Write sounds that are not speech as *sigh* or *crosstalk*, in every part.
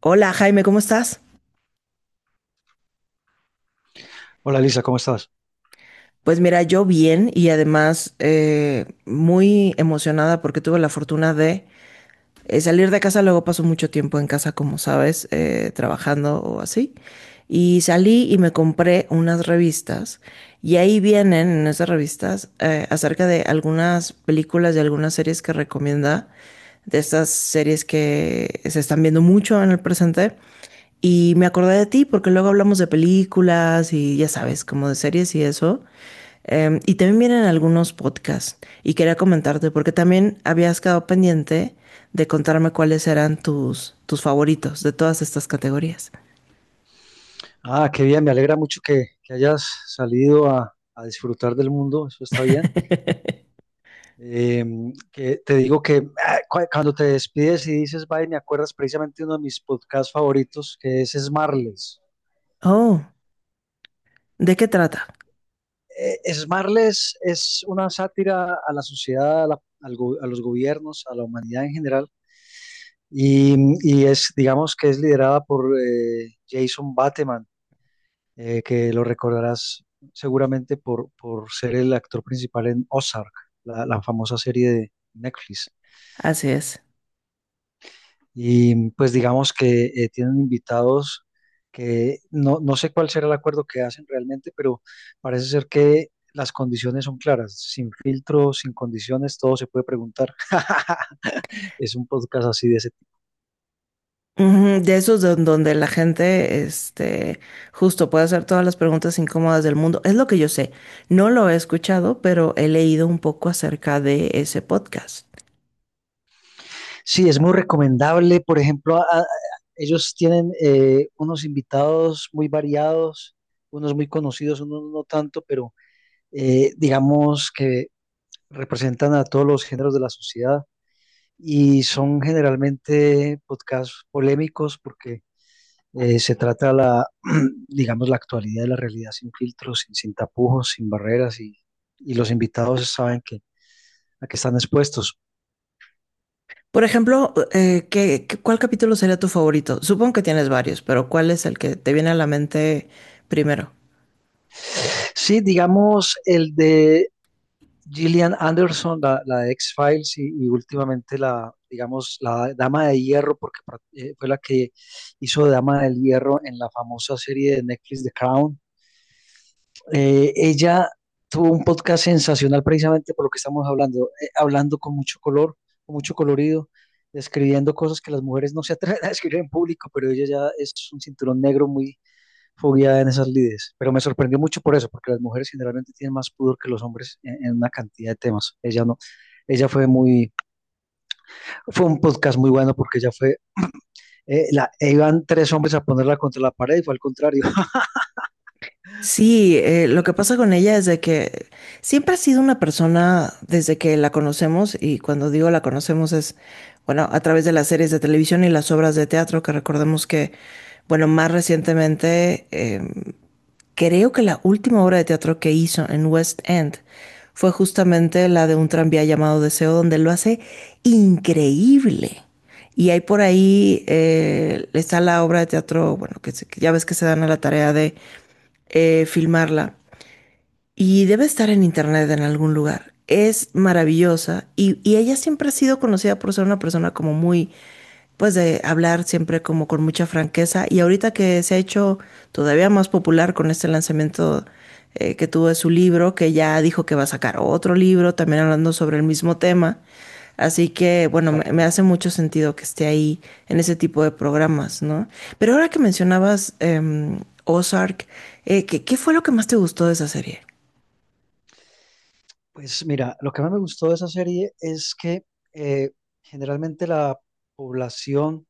Hola Jaime, ¿cómo estás? Hola Lisa, ¿cómo estás? Pues mira, yo bien y además muy emocionada porque tuve la fortuna de salir de casa, luego paso mucho tiempo en casa, como sabes, trabajando o así. Y salí y me compré unas revistas. Y ahí vienen en esas revistas acerca de algunas películas y algunas series que recomienda, de estas series que se están viendo mucho en el presente. Y me acordé de ti porque luego hablamos de películas y ya sabes, como de series y eso. Y también vienen algunos podcasts. Y quería comentarte porque también habías quedado pendiente de contarme cuáles eran tus favoritos de todas estas categorías. Ah, qué bien, me alegra mucho que hayas salido a disfrutar del mundo, eso está bien. *laughs* Eh, que te digo que ah, cuando te despides y dices bye, me acuerdas precisamente uno de mis podcasts favoritos, que es Smarles. Oh, ¿de qué trata? Smarles es una sátira a la sociedad, a los gobiernos, a la humanidad en general, y, y es, digamos que es liderada por Jason Bateman, que lo recordarás seguramente por ser el actor principal en Ozark, la famosa serie de Netflix. Así es. Y pues digamos que tienen invitados que no sé cuál será el acuerdo que hacen realmente, pero parece ser que las condiciones son claras, sin filtro, sin condiciones, todo se puede preguntar. *laughs* Es un podcast así de ese. Ujú. De esos donde la gente, este, justo puede hacer todas las preguntas incómodas del mundo. Es lo que yo sé. No lo he escuchado, pero he leído un poco acerca de ese podcast. Sí, es muy recomendable. Por ejemplo, ellos tienen unos invitados muy variados, unos muy conocidos, unos no tanto, pero digamos que representan a todos los géneros de la sociedad y son generalmente podcasts polémicos porque se trata la, *clears throat* digamos, la actualidad de la realidad sin filtros, sin tapujos, sin barreras y los invitados saben que a qué están expuestos. Por ejemplo, ¿cuál capítulo sería tu favorito? Supongo que tienes varios, pero ¿cuál es el que te viene a la mente primero? Sí, digamos, el de Gillian Anderson, la de X-Files y últimamente la, digamos, la Dama de Hierro, porque fue la que hizo de Dama del Hierro en la famosa serie de Netflix The Crown. Ella tuvo un podcast sensacional precisamente por lo que estamos hablando con mucho color, con mucho colorido, describiendo cosas que las mujeres no se atreven a *laughs* describir en público, pero ella ya es un cinturón negro muy, fue guiada en esas lides, pero me sorprendió mucho por eso, porque las mujeres generalmente tienen más pudor que los hombres en una cantidad de temas. Ella no, ella fue muy, fue un podcast muy bueno porque ella fue, iban tres hombres a ponerla contra la pared y fue al contrario. *laughs* Sí, lo que pasa con ella es de que siempre ha sido una persona desde que la conocemos, y cuando digo la conocemos es, bueno, a través de las series de televisión y las obras de teatro, que recordemos que, bueno, más recientemente, creo que la última obra de teatro que hizo en West End fue justamente la de un tranvía llamado Deseo, donde lo hace increíble. Y hay por ahí, está la obra de teatro, bueno, que, que ya ves que se dan a la tarea de filmarla, y debe estar en internet en algún lugar. Es maravillosa, y ella siempre ha sido conocida por ser una persona como muy, pues, de hablar siempre como con mucha franqueza. Y ahorita que se ha hecho todavía más popular con este lanzamiento que tuvo de su libro, que ya dijo que va a sacar otro libro, también hablando sobre el mismo tema. Así que, bueno, me Exacto. hace mucho sentido que esté ahí en ese tipo de programas, ¿no? Pero ahora que mencionabas Ozark, ¿qué, ¿qué fue lo que más te gustó de esa serie? Pues mira, lo que más me gustó de esa serie es que eh, generalmente la población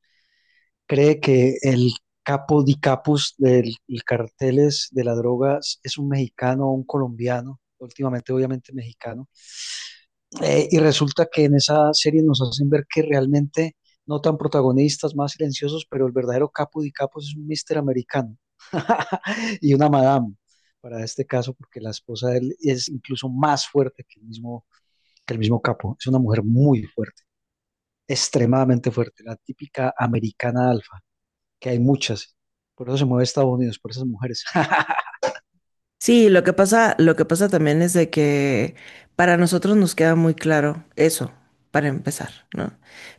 cree que el capo di capus del el carteles de las drogas es un mexicano o un colombiano, últimamente obviamente mexicano. Y resulta que en esa serie nos hacen ver que realmente no tan protagonistas, más silenciosos, pero el verdadero capo de capos es un mister americano *laughs* y una madame para este caso, porque la esposa de él es incluso más fuerte que el mismo, capo. Es una mujer muy fuerte, extremadamente fuerte, la típica americana alfa, que hay muchas. Por eso se mueve Estados Unidos, por esas mujeres. *laughs* Sí, lo que pasa también es de que para nosotros nos queda muy claro eso, para empezar, ¿no?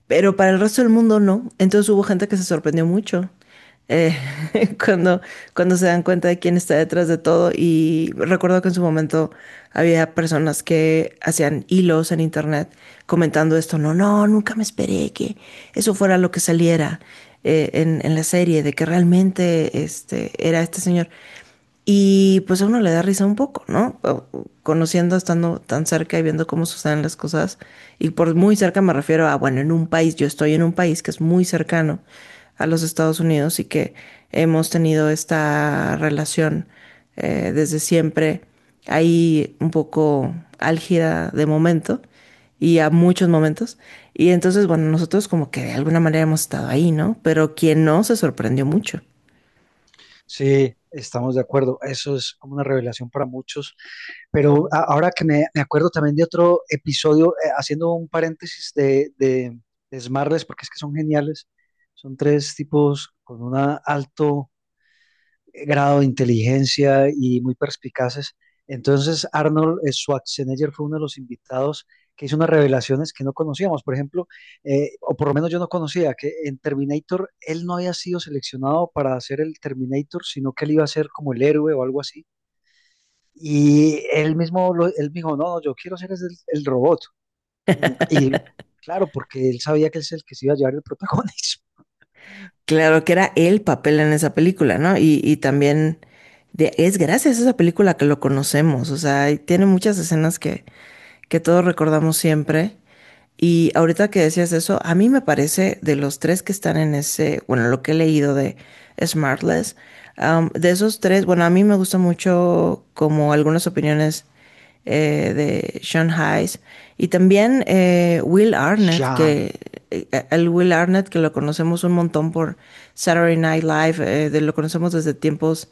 Pero para el resto del mundo no. Entonces hubo gente que se sorprendió mucho, eh, *laughs* cuando, cuando se dan cuenta de quién está detrás de todo. Y recuerdo que en su momento había personas que hacían hilos en internet comentando esto. No, no, nunca me esperé que eso fuera lo que saliera en la serie, de que realmente este, era este señor. Y pues a uno le da risa un poco, ¿no? O Conociendo, estando tan cerca y viendo cómo suceden las cosas. Y por muy cerca me refiero a, bueno, en un país, yo estoy en un país que es muy cercano a los Estados Unidos y que hemos tenido esta relación desde siempre, ahí un poco álgida de momento y a muchos momentos. Y entonces, bueno, nosotros como que de alguna manera hemos estado ahí, ¿no? Pero quien no se sorprendió mucho. Sí, estamos de acuerdo. Eso es como una revelación para muchos. Pero ahora que me acuerdo también de otro episodio, haciendo un paréntesis de Smartless, porque es que son geniales. Son tres tipos con un alto grado de inteligencia y muy perspicaces. Entonces, Arnold Schwarzenegger fue uno de los invitados que hizo unas revelaciones que no conocíamos. Por ejemplo, o por lo menos yo no conocía, que en Terminator él no había sido seleccionado para hacer el Terminator, sino que él iba a ser como el héroe o algo así y él mismo, él dijo, no, no, yo quiero ser el robot. Y claro, porque él sabía que él es el que se iba a llevar el *laughs* protagonismo. Claro que era el papel en esa película, ¿no? Y también es gracias a esa película que lo conocemos, o sea, y tiene muchas escenas que todos recordamos siempre. Y ahorita que decías eso, a mí me parece de los tres que están en ese, bueno, lo que he leído de Smartless, de esos tres, bueno, a mí me gusta mucho como algunas opiniones de Sean Hayes, y también Will Arnett, Jean. que el Will Arnett que lo conocemos un montón por Saturday Night Live, lo conocemos desde tiempos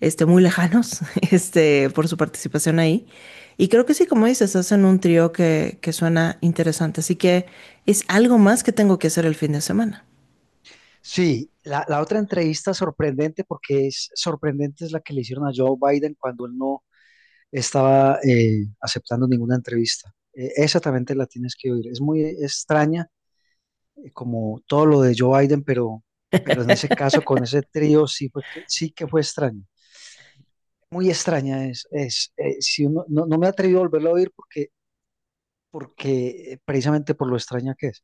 este, muy lejanos *laughs* este, por su participación ahí. Y creo que sí, como dices, hacen un trío que suena interesante. Así que es algo más que tengo que hacer el fin de semana. Sí, la otra entrevista sorprendente, porque es sorprendente, es la que le hicieron a Joe Biden cuando él no estaba aceptando ninguna entrevista. Esa también te la tienes que oír. Es muy extraña, como todo lo de Joe Biden, pero, en ese caso, con ese trío, sí que fue extraño. Muy extraña es, no, no me he atrevido a volverlo a oír porque precisamente por lo extraña que es.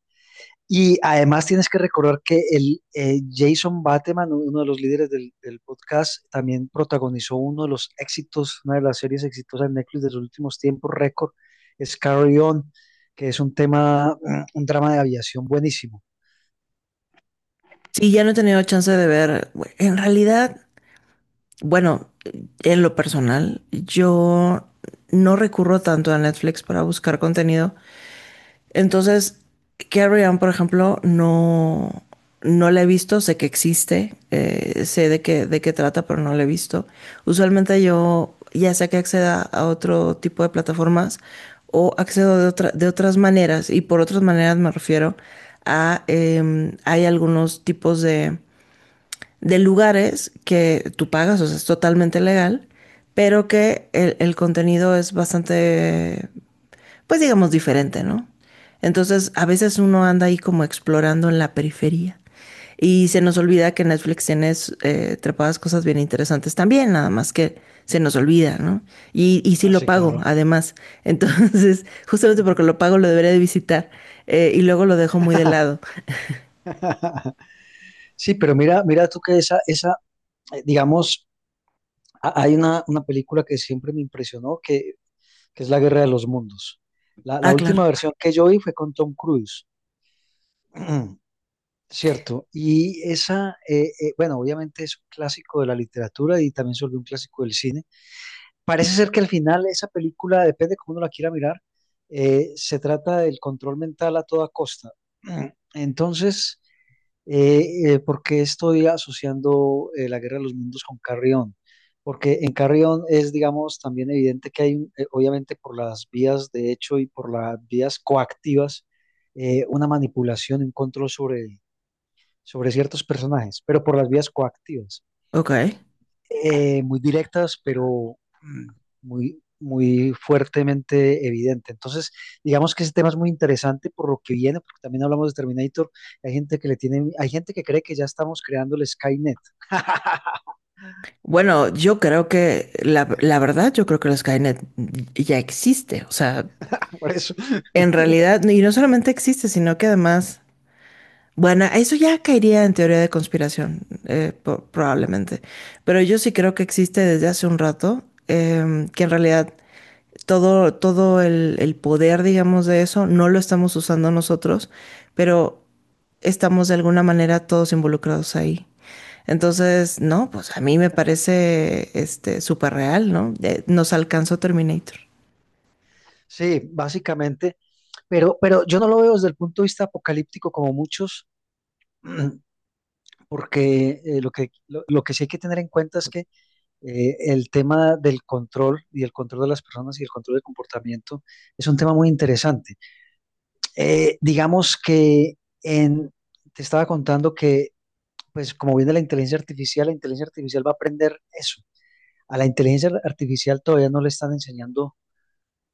Y además tienes que recordar que el Jason Bateman, uno de los líderes del podcast, también protagonizó uno de los éxitos, una de las series exitosas de Netflix de los últimos tiempos, récord, es Carry On, que es un tema, un drama de aviación buenísimo. Sí, ya no he tenido chance de ver. En realidad, bueno, en lo personal, yo no recurro tanto a Netflix para buscar contenido. Entonces, Carrie Ann, por ejemplo, no, no la he visto, sé que existe, de qué trata, pero no la he visto. Usualmente yo ya sea que acceda a otro tipo de plataformas, o accedo de otras maneras, y por otras maneras me refiero a, hay algunos tipos de lugares que tú pagas, o sea, es totalmente legal, pero que el contenido es bastante, pues, digamos, diferente, ¿no? Entonces, a veces uno anda ahí como explorando en la periferia y se nos olvida que Netflix tiene trepadas cosas bien interesantes también, nada más que se nos olvida, ¿no? Y y sí Ah, lo sí, pago, claro. además. Entonces, *laughs* justamente Ujú. porque lo pago, lo debería de visitar, y luego lo dejo muy de lado. *laughs* Sí, pero mira, mira tú que esa, digamos, hay una película que siempre me impresionó, que es La Guerra de los Mundos. La Ah, última claro. versión que yo vi fue con Tom Cruise, *clears throat* ¿cierto? Y esa, bueno, obviamente es un clásico de la literatura y también se volvió un clásico del cine. Parece ser que al final esa película, depende cómo uno la quiera mirar, se trata del control mental a toda costa. *clears throat* Entonces, ¿por qué estoy asociando la Guerra de los Mundos con Carry On? Porque en Carry On es, digamos, también evidente que hay, obviamente por las vías de hecho y por las vías coactivas, una manipulación, un control sobre ciertos personajes, pero por las vías coactivas Ok. Muy directas, pero mm, muy, muy fuertemente evidente. Entonces, digamos que ese tema es muy interesante por lo que viene, porque también hablamos de Terminator. Hay gente que le tiene, hay gente que cree que ya estamos creando el Skynet. Bueno, yo creo que la verdad, yo creo que el Skynet ya existe. O sea, *laughs* Por eso. en realidad, y no solamente existe, sino que además, bueno, eso ya caería en teoría de conspiración, probablemente. Pero yo sí creo que existe desde hace un rato, que en realidad todo el poder, digamos, de eso no lo estamos usando nosotros, pero estamos de alguna manera todos involucrados ahí. Entonces, no, pues a mí me parece este súper real, ¿no? Nos alcanzó Terminator. Sí, básicamente, pero yo no lo veo desde el punto de vista apocalíptico como muchos. *clears throat* Porque lo que sí hay que tener en cuenta es que el tema del control y el control de las personas y el control del comportamiento es un tema muy interesante. Digamos que en, te estaba contando que, pues como viene la inteligencia artificial va a aprender eso. A la inteligencia artificial todavía no le están enseñando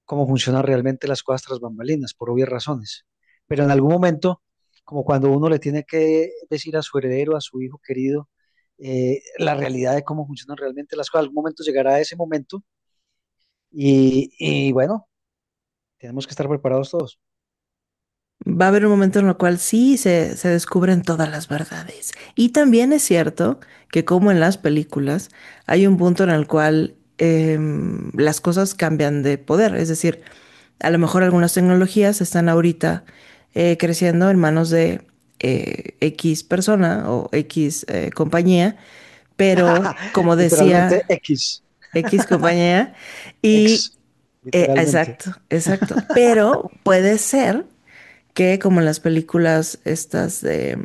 cómo funcionan realmente las cosas tras bambalinas, por obvias razones. Pero en algún momento, como cuando uno le tiene que decir a su heredero, a su hijo querido, la realidad de cómo funcionan realmente las cosas, algún momento llegará ese momento y bueno, tenemos que estar preparados todos. Va a haber un momento en el cual sí se descubren todas las verdades. Y también es cierto que como en las películas, hay un punto en el cual las cosas cambian de poder. Es decir, a lo mejor algunas tecnologías están ahorita creciendo en manos de X persona o X compañía, pero *laughs* como Literalmente decía X. X compañía, y Ex, literalmente. exacto, exacto, pero puede ser que como en las películas estas de...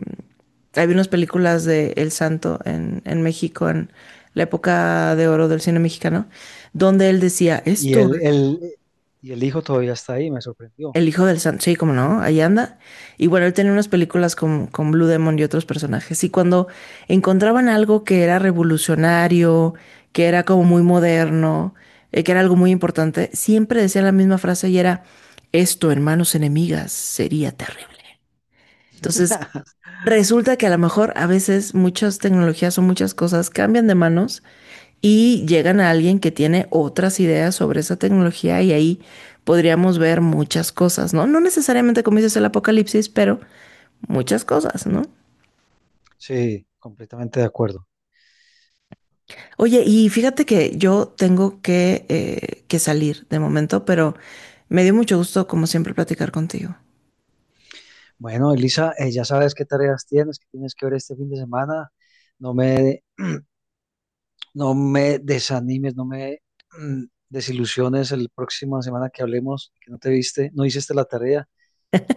Había unas películas de El Santo en México, en la época de oro del cine mexicano, donde él decía, Y esto, el, el, y el hijo todavía está ahí, me sorprendió. el hijo del Santo, sí, como no, ahí anda. Y bueno, él tenía unas películas con Blue Demon y otros personajes. Y cuando encontraban algo que era revolucionario, que era como muy moderno, que era algo muy importante, siempre decía la misma frase y era, esto, hermanos enemigas, sería terrible. Entonces, resulta que a lo mejor a veces muchas tecnologías o muchas cosas cambian de manos y llegan a alguien que tiene otras ideas sobre esa tecnología, y ahí podríamos ver muchas cosas, ¿no? No necesariamente como dices el apocalipsis, pero muchas cosas, ¿no? Sí, completamente de acuerdo. Oye, y fíjate que yo tengo que salir de momento, pero me dio mucho gusto, como siempre, platicar contigo. Bueno, Elisa, ya sabes qué tareas tienes, qué tienes que ver este fin de semana. No me, no me desanimes, no me desilusiones el próxima semana que hablemos, que no te viste, no hiciste la tarea.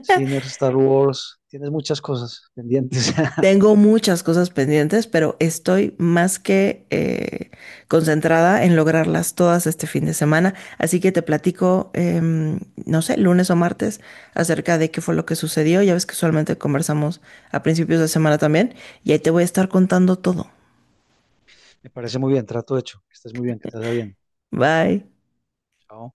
Ciner, Star Wars, tienes muchas cosas pendientes. *laughs* Tengo muchas cosas pendientes, pero estoy más que concentrada en lograrlas todas este fin de semana. Así que te platico, no sé, lunes o martes, acerca de qué fue lo que sucedió. Ya ves que usualmente conversamos a principios de semana también, y ahí te voy a estar contando todo. Me parece muy bien, trato hecho. Que estés muy bien, que te vaya bien. Bye. Chao.